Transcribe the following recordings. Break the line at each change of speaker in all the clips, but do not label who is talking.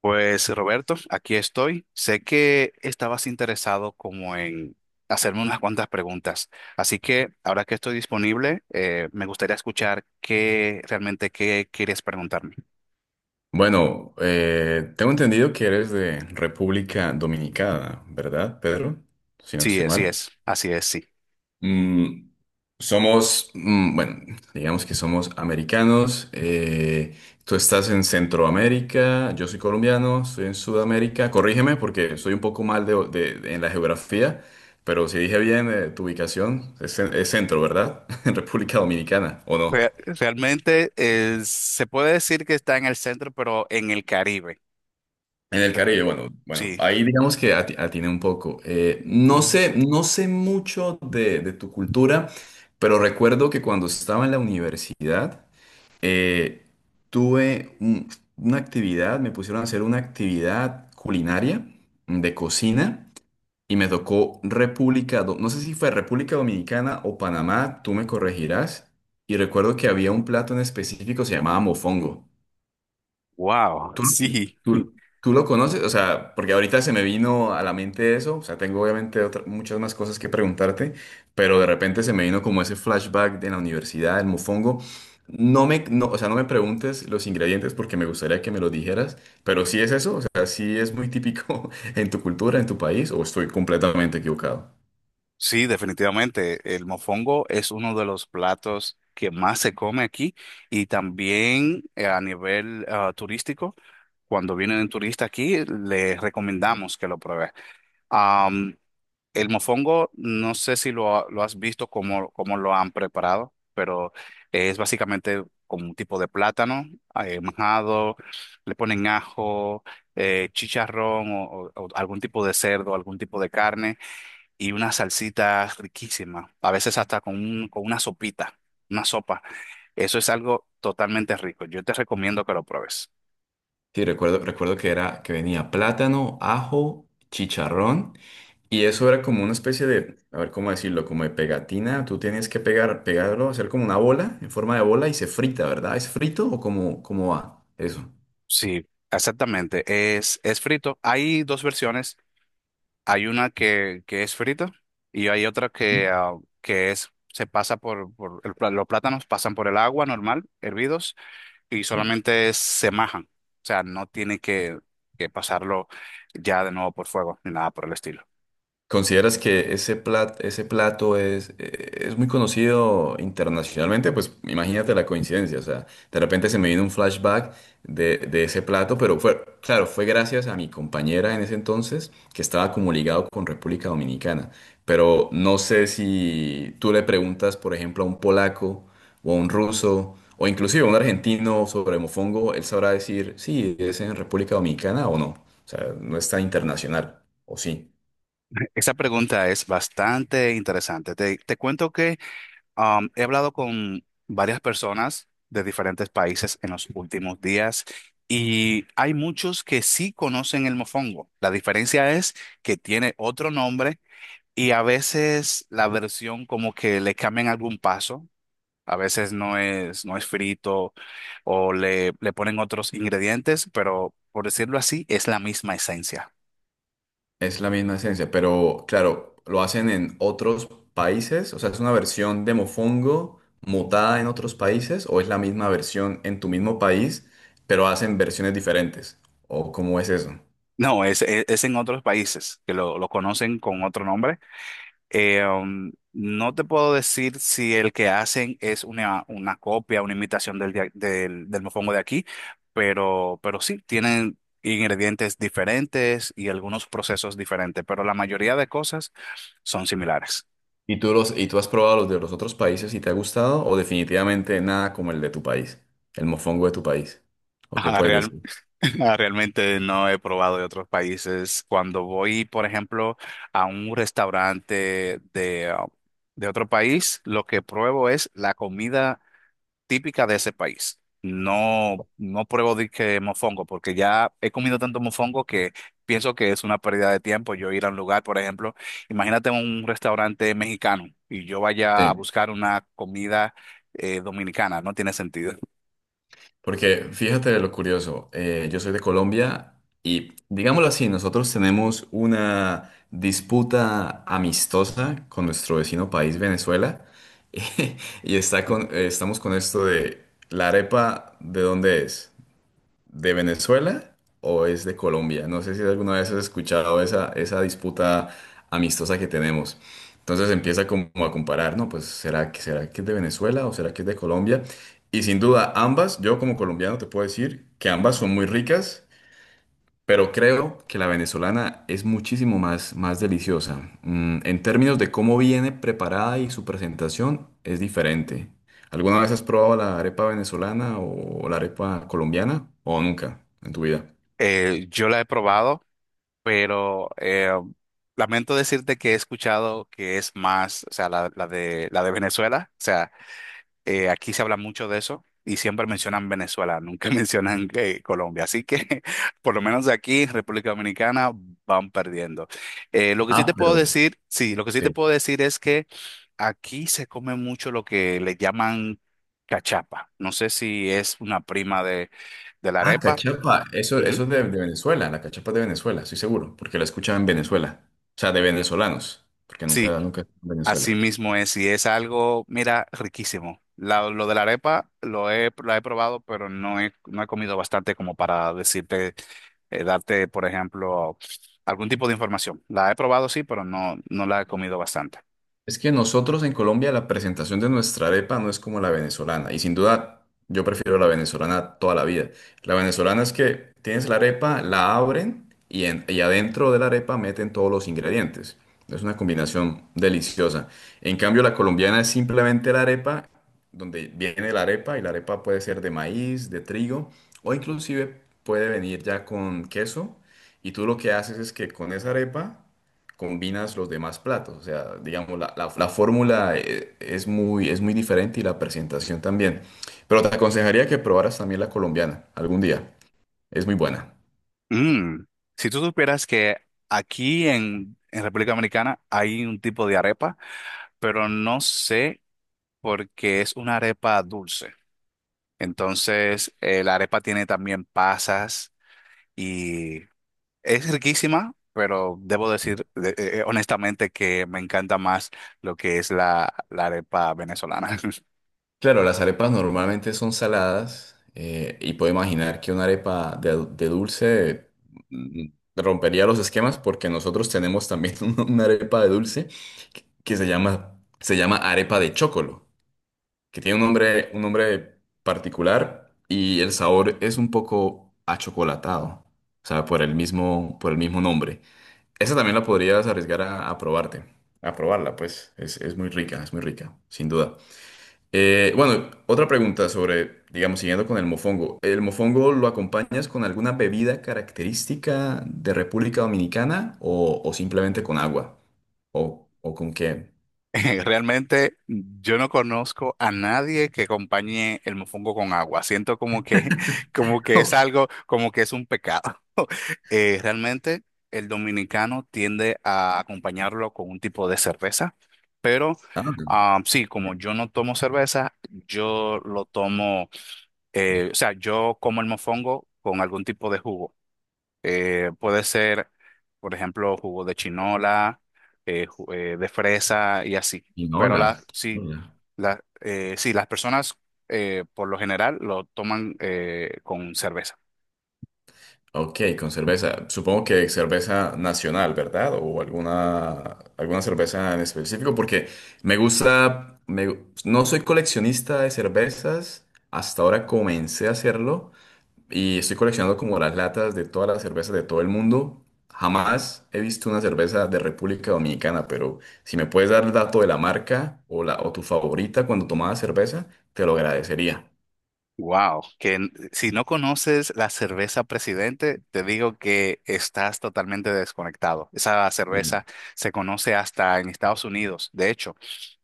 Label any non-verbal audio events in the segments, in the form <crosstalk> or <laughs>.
Pues Roberto, aquí estoy. Sé que estabas interesado como en hacerme unas cuantas preguntas, así que ahora que estoy disponible, me gustaría escuchar qué realmente qué quieres preguntarme.
Bueno, tengo entendido que eres de República Dominicana, ¿verdad, Pedro? Si no
Sí,
estoy mal.
así es, sí.
Mm, somos, mm, bueno, digamos que somos americanos. Tú estás en Centroamérica, yo soy colombiano, estoy en Sudamérica. Corrígeme porque soy un poco mal de, en la geografía, pero si dije bien, tu ubicación es, es centro, ¿verdad? <laughs> En República Dominicana, ¿o no?
Realmente se puede decir que está en el centro, pero en el Caribe.
En el Caribe, bueno, bueno,
Sí.
ahí digamos que atiné un poco. No sé, no sé mucho de tu cultura, pero recuerdo que cuando estaba en la universidad, eh, tuve un- una actividad, me pusieron a hacer una actividad culinaria de cocina y me tocó República, no sé si fue República Dominicana o Panamá, tú me corregirás. Y recuerdo que había un plato en específico, se llamaba mofongo.
Wow,
¿Tú,
sí.
tú, tú lo conoces? O sea, porque ahorita se me vino a la mente eso, o sea, tengo obviamente muchas más cosas que preguntarte, pero de repente se me vino como ese flashback de la universidad, el mofongo. No me, no, o sea, no me preguntes los ingredientes porque me gustaría que me lo dijeras, pero sí es eso, o sea, sí es muy típico <laughs> en tu cultura, en tu país, o estoy completamente equivocado.
Sí, definitivamente. El mofongo es uno de los platos que más se come aquí y también a nivel turístico, cuando vienen turistas aquí, les recomendamos que lo prueben. Am, el mofongo, no sé si lo has visto cómo, cómo lo han preparado, pero es básicamente como un tipo de plátano majado, le ponen ajo, chicharrón o algún tipo de cerdo, algún tipo de carne y una salsita riquísima, a veces hasta con, con una sopita, una sopa. Eso es algo totalmente rico. Yo te recomiendo que lo pruebes.
Sí, recuerdo que era que venía plátano, ajo, chicharrón. Y eso era como una especie de, a ver cómo decirlo, como de pegatina. Tú tenías que pegar, pegarlo, hacer como una bola, en forma de bola, y se frita, ¿verdad? ¿Es frito o cómo, cómo va eso?
Sí, exactamente. Es frito. Hay dos versiones. Hay una que es frita y hay otra
Ujú.
que, que es, se pasa por, los plátanos pasan por el agua normal, hervidos, y
Sí.
solamente se majan. O sea, no tiene que pasarlo ya de nuevo por fuego ni nada por el estilo.
¿Consideras que ese plato es muy conocido internacionalmente? Pues imagínate la coincidencia, o sea, de repente se me vino un flashback de ese plato, pero fue, claro, fue gracias a mi compañera en ese entonces que estaba como ligado con República Dominicana, pero no sé si tú le preguntas, por ejemplo, a un polaco o a un ruso o inclusive a un argentino sobre mofongo, él sabrá decir si es en República Dominicana o no, o sea, no está internacional, o sí.
Esa pregunta es bastante interesante. Te cuento que he hablado con varias personas de diferentes países en los últimos días y hay muchos que sí conocen el mofongo. La diferencia es que tiene otro nombre y a veces la versión como que le cambian algún paso. A veces no es, no es frito o le ponen otros ingredientes, pero por decirlo así, es la misma esencia.
Es la misma esencia, pero claro, lo hacen en otros países, o sea, ¿es una versión de mofongo mutada en otros países o es la misma versión en tu mismo país, pero hacen versiones diferentes? ¿O cómo es eso?
No, es en otros países que lo conocen con otro nombre. No te puedo decir si el que hacen es una copia, una imitación del, del, del mofongo de aquí, pero sí, tienen ingredientes diferentes y algunos procesos diferentes, pero la mayoría de cosas son similares.
¿Y tú los, y tú has probado los de los otros países y te ha gustado o definitivamente nada como el de tu país, el mofongo de tu país? ¿O qué
Ajá,
puedes decir?
<laughs> Realmente no he probado de otros países. Cuando voy, por ejemplo, a un restaurante de, de otro país, lo que pruebo es la comida típica de ese país. No, no pruebo de que mofongo, porque ya he comido tanto mofongo que pienso que es una pérdida de tiempo yo ir a un lugar, por ejemplo, imagínate un restaurante mexicano y yo vaya
Sí.
a buscar una comida dominicana, no tiene sentido.
Porque fíjate lo curioso, yo soy de Colombia y digámoslo así, nosotros tenemos una disputa amistosa con nuestro vecino país Venezuela <laughs> y está con, estamos con esto de la arepa, ¿de dónde es? ¿De Venezuela o es de Colombia? No sé si alguna vez has escuchado esa, esa disputa amistosa que tenemos. Entonces empieza como a comparar, ¿no? Pues será que es de Venezuela o será que es de Colombia. Y sin duda ambas, yo como colombiano te puedo decir que ambas son muy ricas, pero creo que la venezolana es muchísimo más, más deliciosa. Mm, en términos de cómo viene preparada y su presentación es diferente. ¿Alguna vez has probado la arepa venezolana o la arepa colombiana o nunca en tu vida?
Yo la he probado pero lamento decirte que he escuchado que es más, o sea, la, la de Venezuela, o sea, aquí se habla mucho de eso y siempre mencionan Venezuela, nunca <laughs> mencionan Colombia, así que <laughs> por lo menos de aquí, República Dominicana, van perdiendo. Lo que sí te
Ah,
puedo
pero
decir, sí, lo que sí te
sí.
puedo decir es que aquí se come mucho lo que le llaman cachapa, no sé si es una prima de la
Ah,
arepa.
cachapa. Eso
Ujú.
es de Venezuela. La cachapa es de Venezuela, estoy seguro, porque la escuchaba en Venezuela. O sea, de venezolanos, porque
Sí,
nunca, nunca en
así
Venezuela.
mismo es, y es algo, mira, riquísimo. Lo de la arepa lo he, la he probado, pero no he, no he comido bastante como para decirte, darte, por ejemplo, algún tipo de información. La he probado, sí, pero no, no la he comido bastante.
Es que nosotros en Colombia la presentación de nuestra arepa no es como la venezolana y sin duda yo prefiero la venezolana toda la vida. La venezolana es que tienes la arepa, la abren y, y adentro de la arepa meten todos los ingredientes. Es una combinación deliciosa. En cambio la colombiana es simplemente la arepa, donde viene la arepa y la arepa puede ser de maíz, de trigo o inclusive puede venir ya con queso y tú lo que haces es que con esa arepa combinas los demás platos. O sea, digamos, la, la fórmula es muy diferente y la presentación también. Pero te aconsejaría que probaras también la colombiana algún día. Es muy buena.
Mm, si tú supieras que aquí en República Dominicana hay un tipo de arepa, pero no sé por qué es una arepa dulce. Entonces, la arepa tiene también pasas y es riquísima, pero debo
Sí.
decir honestamente que me encanta más lo que es la, la arepa venezolana. <laughs>
Claro, las arepas normalmente son saladas y puedo imaginar que una arepa de dulce mm, rompería los esquemas porque nosotros tenemos también <laughs> una arepa de dulce que se llama arepa de chocolo, que tiene un nombre particular y el sabor es un poco achocolatado, o sea, por el mismo nombre. Esa también la podrías arriesgar a probarte, a probarla, pues es muy rica, sin duda. Bueno, otra pregunta sobre, digamos, siguiendo con el mofongo. ¿El mofongo lo acompañas con alguna bebida característica de República Dominicana o simplemente con agua? O con qué?
Realmente yo no conozco a nadie que acompañe el mofongo con agua. Siento como que, <laughs> como
<laughs>
que es
Ok.
algo, como que es un pecado. <laughs> Realmente el dominicano tiende a acompañarlo con un tipo de cerveza, pero
Ah,
sí, como yo no tomo cerveza, yo lo tomo. O sea, yo como el mofongo con algún tipo de jugo. Puede ser, por ejemplo, jugo de chinola, de fresa y así. Pero
quinola,
la, sí,
quinola.
sí, las personas por lo general lo toman con cerveza.
Ok, con cerveza. Supongo que cerveza nacional, ¿verdad? O alguna, alguna cerveza en específico, porque me gusta, no soy coleccionista de cervezas, hasta ahora comencé a hacerlo y estoy coleccionando como las latas de todas las cervezas de todo el mundo. Jamás he visto una cerveza de República Dominicana, pero si me puedes dar el dato de la marca o, la, o tu favorita cuando tomabas cerveza, te lo agradecería.
Wow, si no conoces la cerveza Presidente, te digo que estás totalmente desconectado. Esa cerveza se conoce hasta en Estados Unidos. De hecho,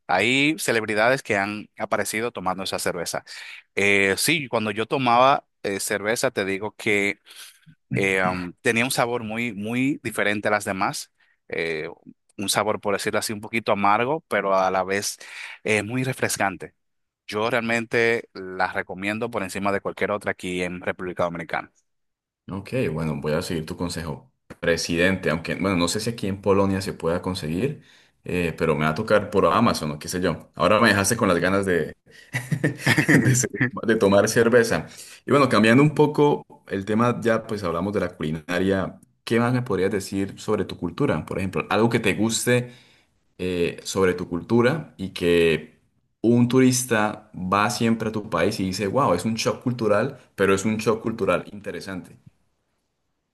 hay celebridades que han aparecido tomando esa cerveza. Sí, cuando yo tomaba cerveza, te digo que tenía un sabor muy, muy diferente a las demás. Eh, un sabor, por decirlo así, un poquito amargo, pero a la vez muy refrescante. Yo realmente las recomiendo por encima de cualquier otra aquí en República Dominicana.
Ok, bueno, voy a seguir tu consejo. Presidente, aunque, bueno, no sé si aquí en Polonia se pueda conseguir, pero me va a tocar por Amazon o qué sé yo. Ahora me dejaste con las ganas de, <laughs> de,
<laughs>
de tomar cerveza. Y bueno, cambiando un poco el tema, ya pues hablamos de la culinaria. ¿Qué más me podrías decir sobre tu cultura? Por ejemplo, algo que te guste sobre tu cultura y que un turista va siempre a tu país y dice, wow, es un shock cultural, pero es un shock cultural interesante.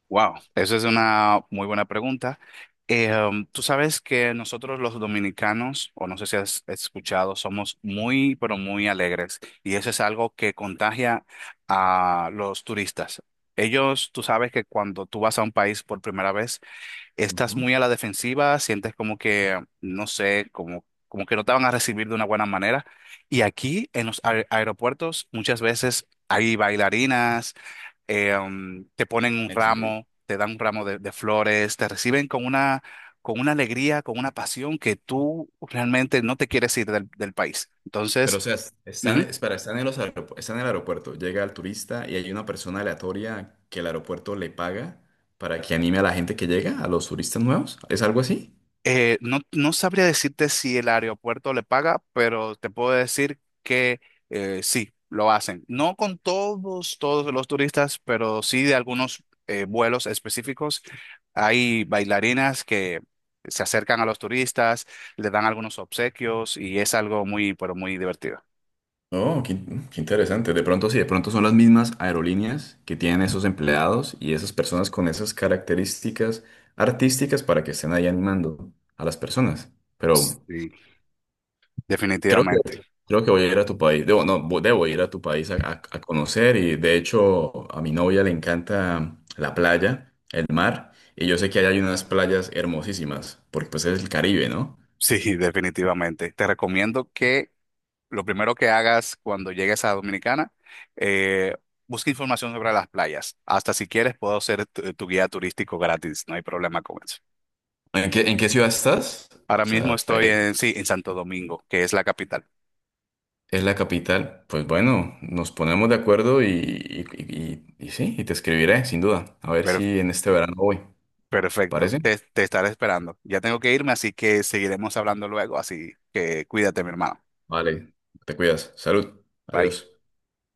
Wow, eso es una muy buena pregunta. Tú sabes que nosotros los dominicanos, o no sé si has escuchado, somos muy, pero muy alegres y eso es algo que contagia a los turistas. Ellos, tú sabes que cuando tú vas a un país por primera vez, estás
Ujú.
muy a la defensiva, sientes como que, no sé, como, como que no te van a recibir de una buena manera. Y aquí en los aeropuertos muchas veces hay bailarinas te ponen un
¿En serio?
ramo, te dan un ramo de flores, te reciben con una alegría, con una pasión que tú realmente no te quieres ir del, del país.
Pero,
Entonces,
o sea, están, espera, están en los están en el aeropuerto, llega el turista y hay una persona aleatoria que el aeropuerto le paga para que anime a la gente que llega, a los turistas nuevos. ¿Es algo así?
No, no sabría decirte si el aeropuerto le paga, pero te puedo decir que sí, lo hacen. No con todos, todos los turistas, pero sí de algunos vuelos específicos. Hay bailarinas que se acercan a los turistas, le dan algunos obsequios y es algo muy, pero muy divertido.
Oh, qué, qué interesante. De pronto sí, de pronto son las mismas aerolíneas que tienen esos empleados y esas personas con esas características artísticas para que estén ahí animando a las personas. Pero
Sí,
creo que,
definitivamente.
creo que voy a ir a tu país. Debo, no, debo ir a tu país a, a conocer. Y de hecho, a mi novia le encanta la playa, el mar. Y yo sé que allá hay unas playas hermosísimas, porque pues es el Caribe, ¿no?
Sí, <laughs> definitivamente. Te recomiendo que lo primero que hagas cuando llegues a Dominicana, eh, busca información sobre las playas. Hasta si quieres, puedo ser tu, tu guía turístico gratis, no hay problema con eso.
En qué ciudad estás?
Ahora
O
mismo
sea,
estoy en, sí, en Santo Domingo, que es la capital.
es la capital. Pues bueno, nos ponemos de acuerdo y, y sí, y te escribiré, sin duda. A ver
Per-
si en este verano voy. ¿Te
Perfecto,
parece?
te estaré esperando. Ya tengo que irme, así que seguiremos hablando luego, así que cuídate, mi hermano.
Vale, te cuidas. Salud.
Bye.
Adiós.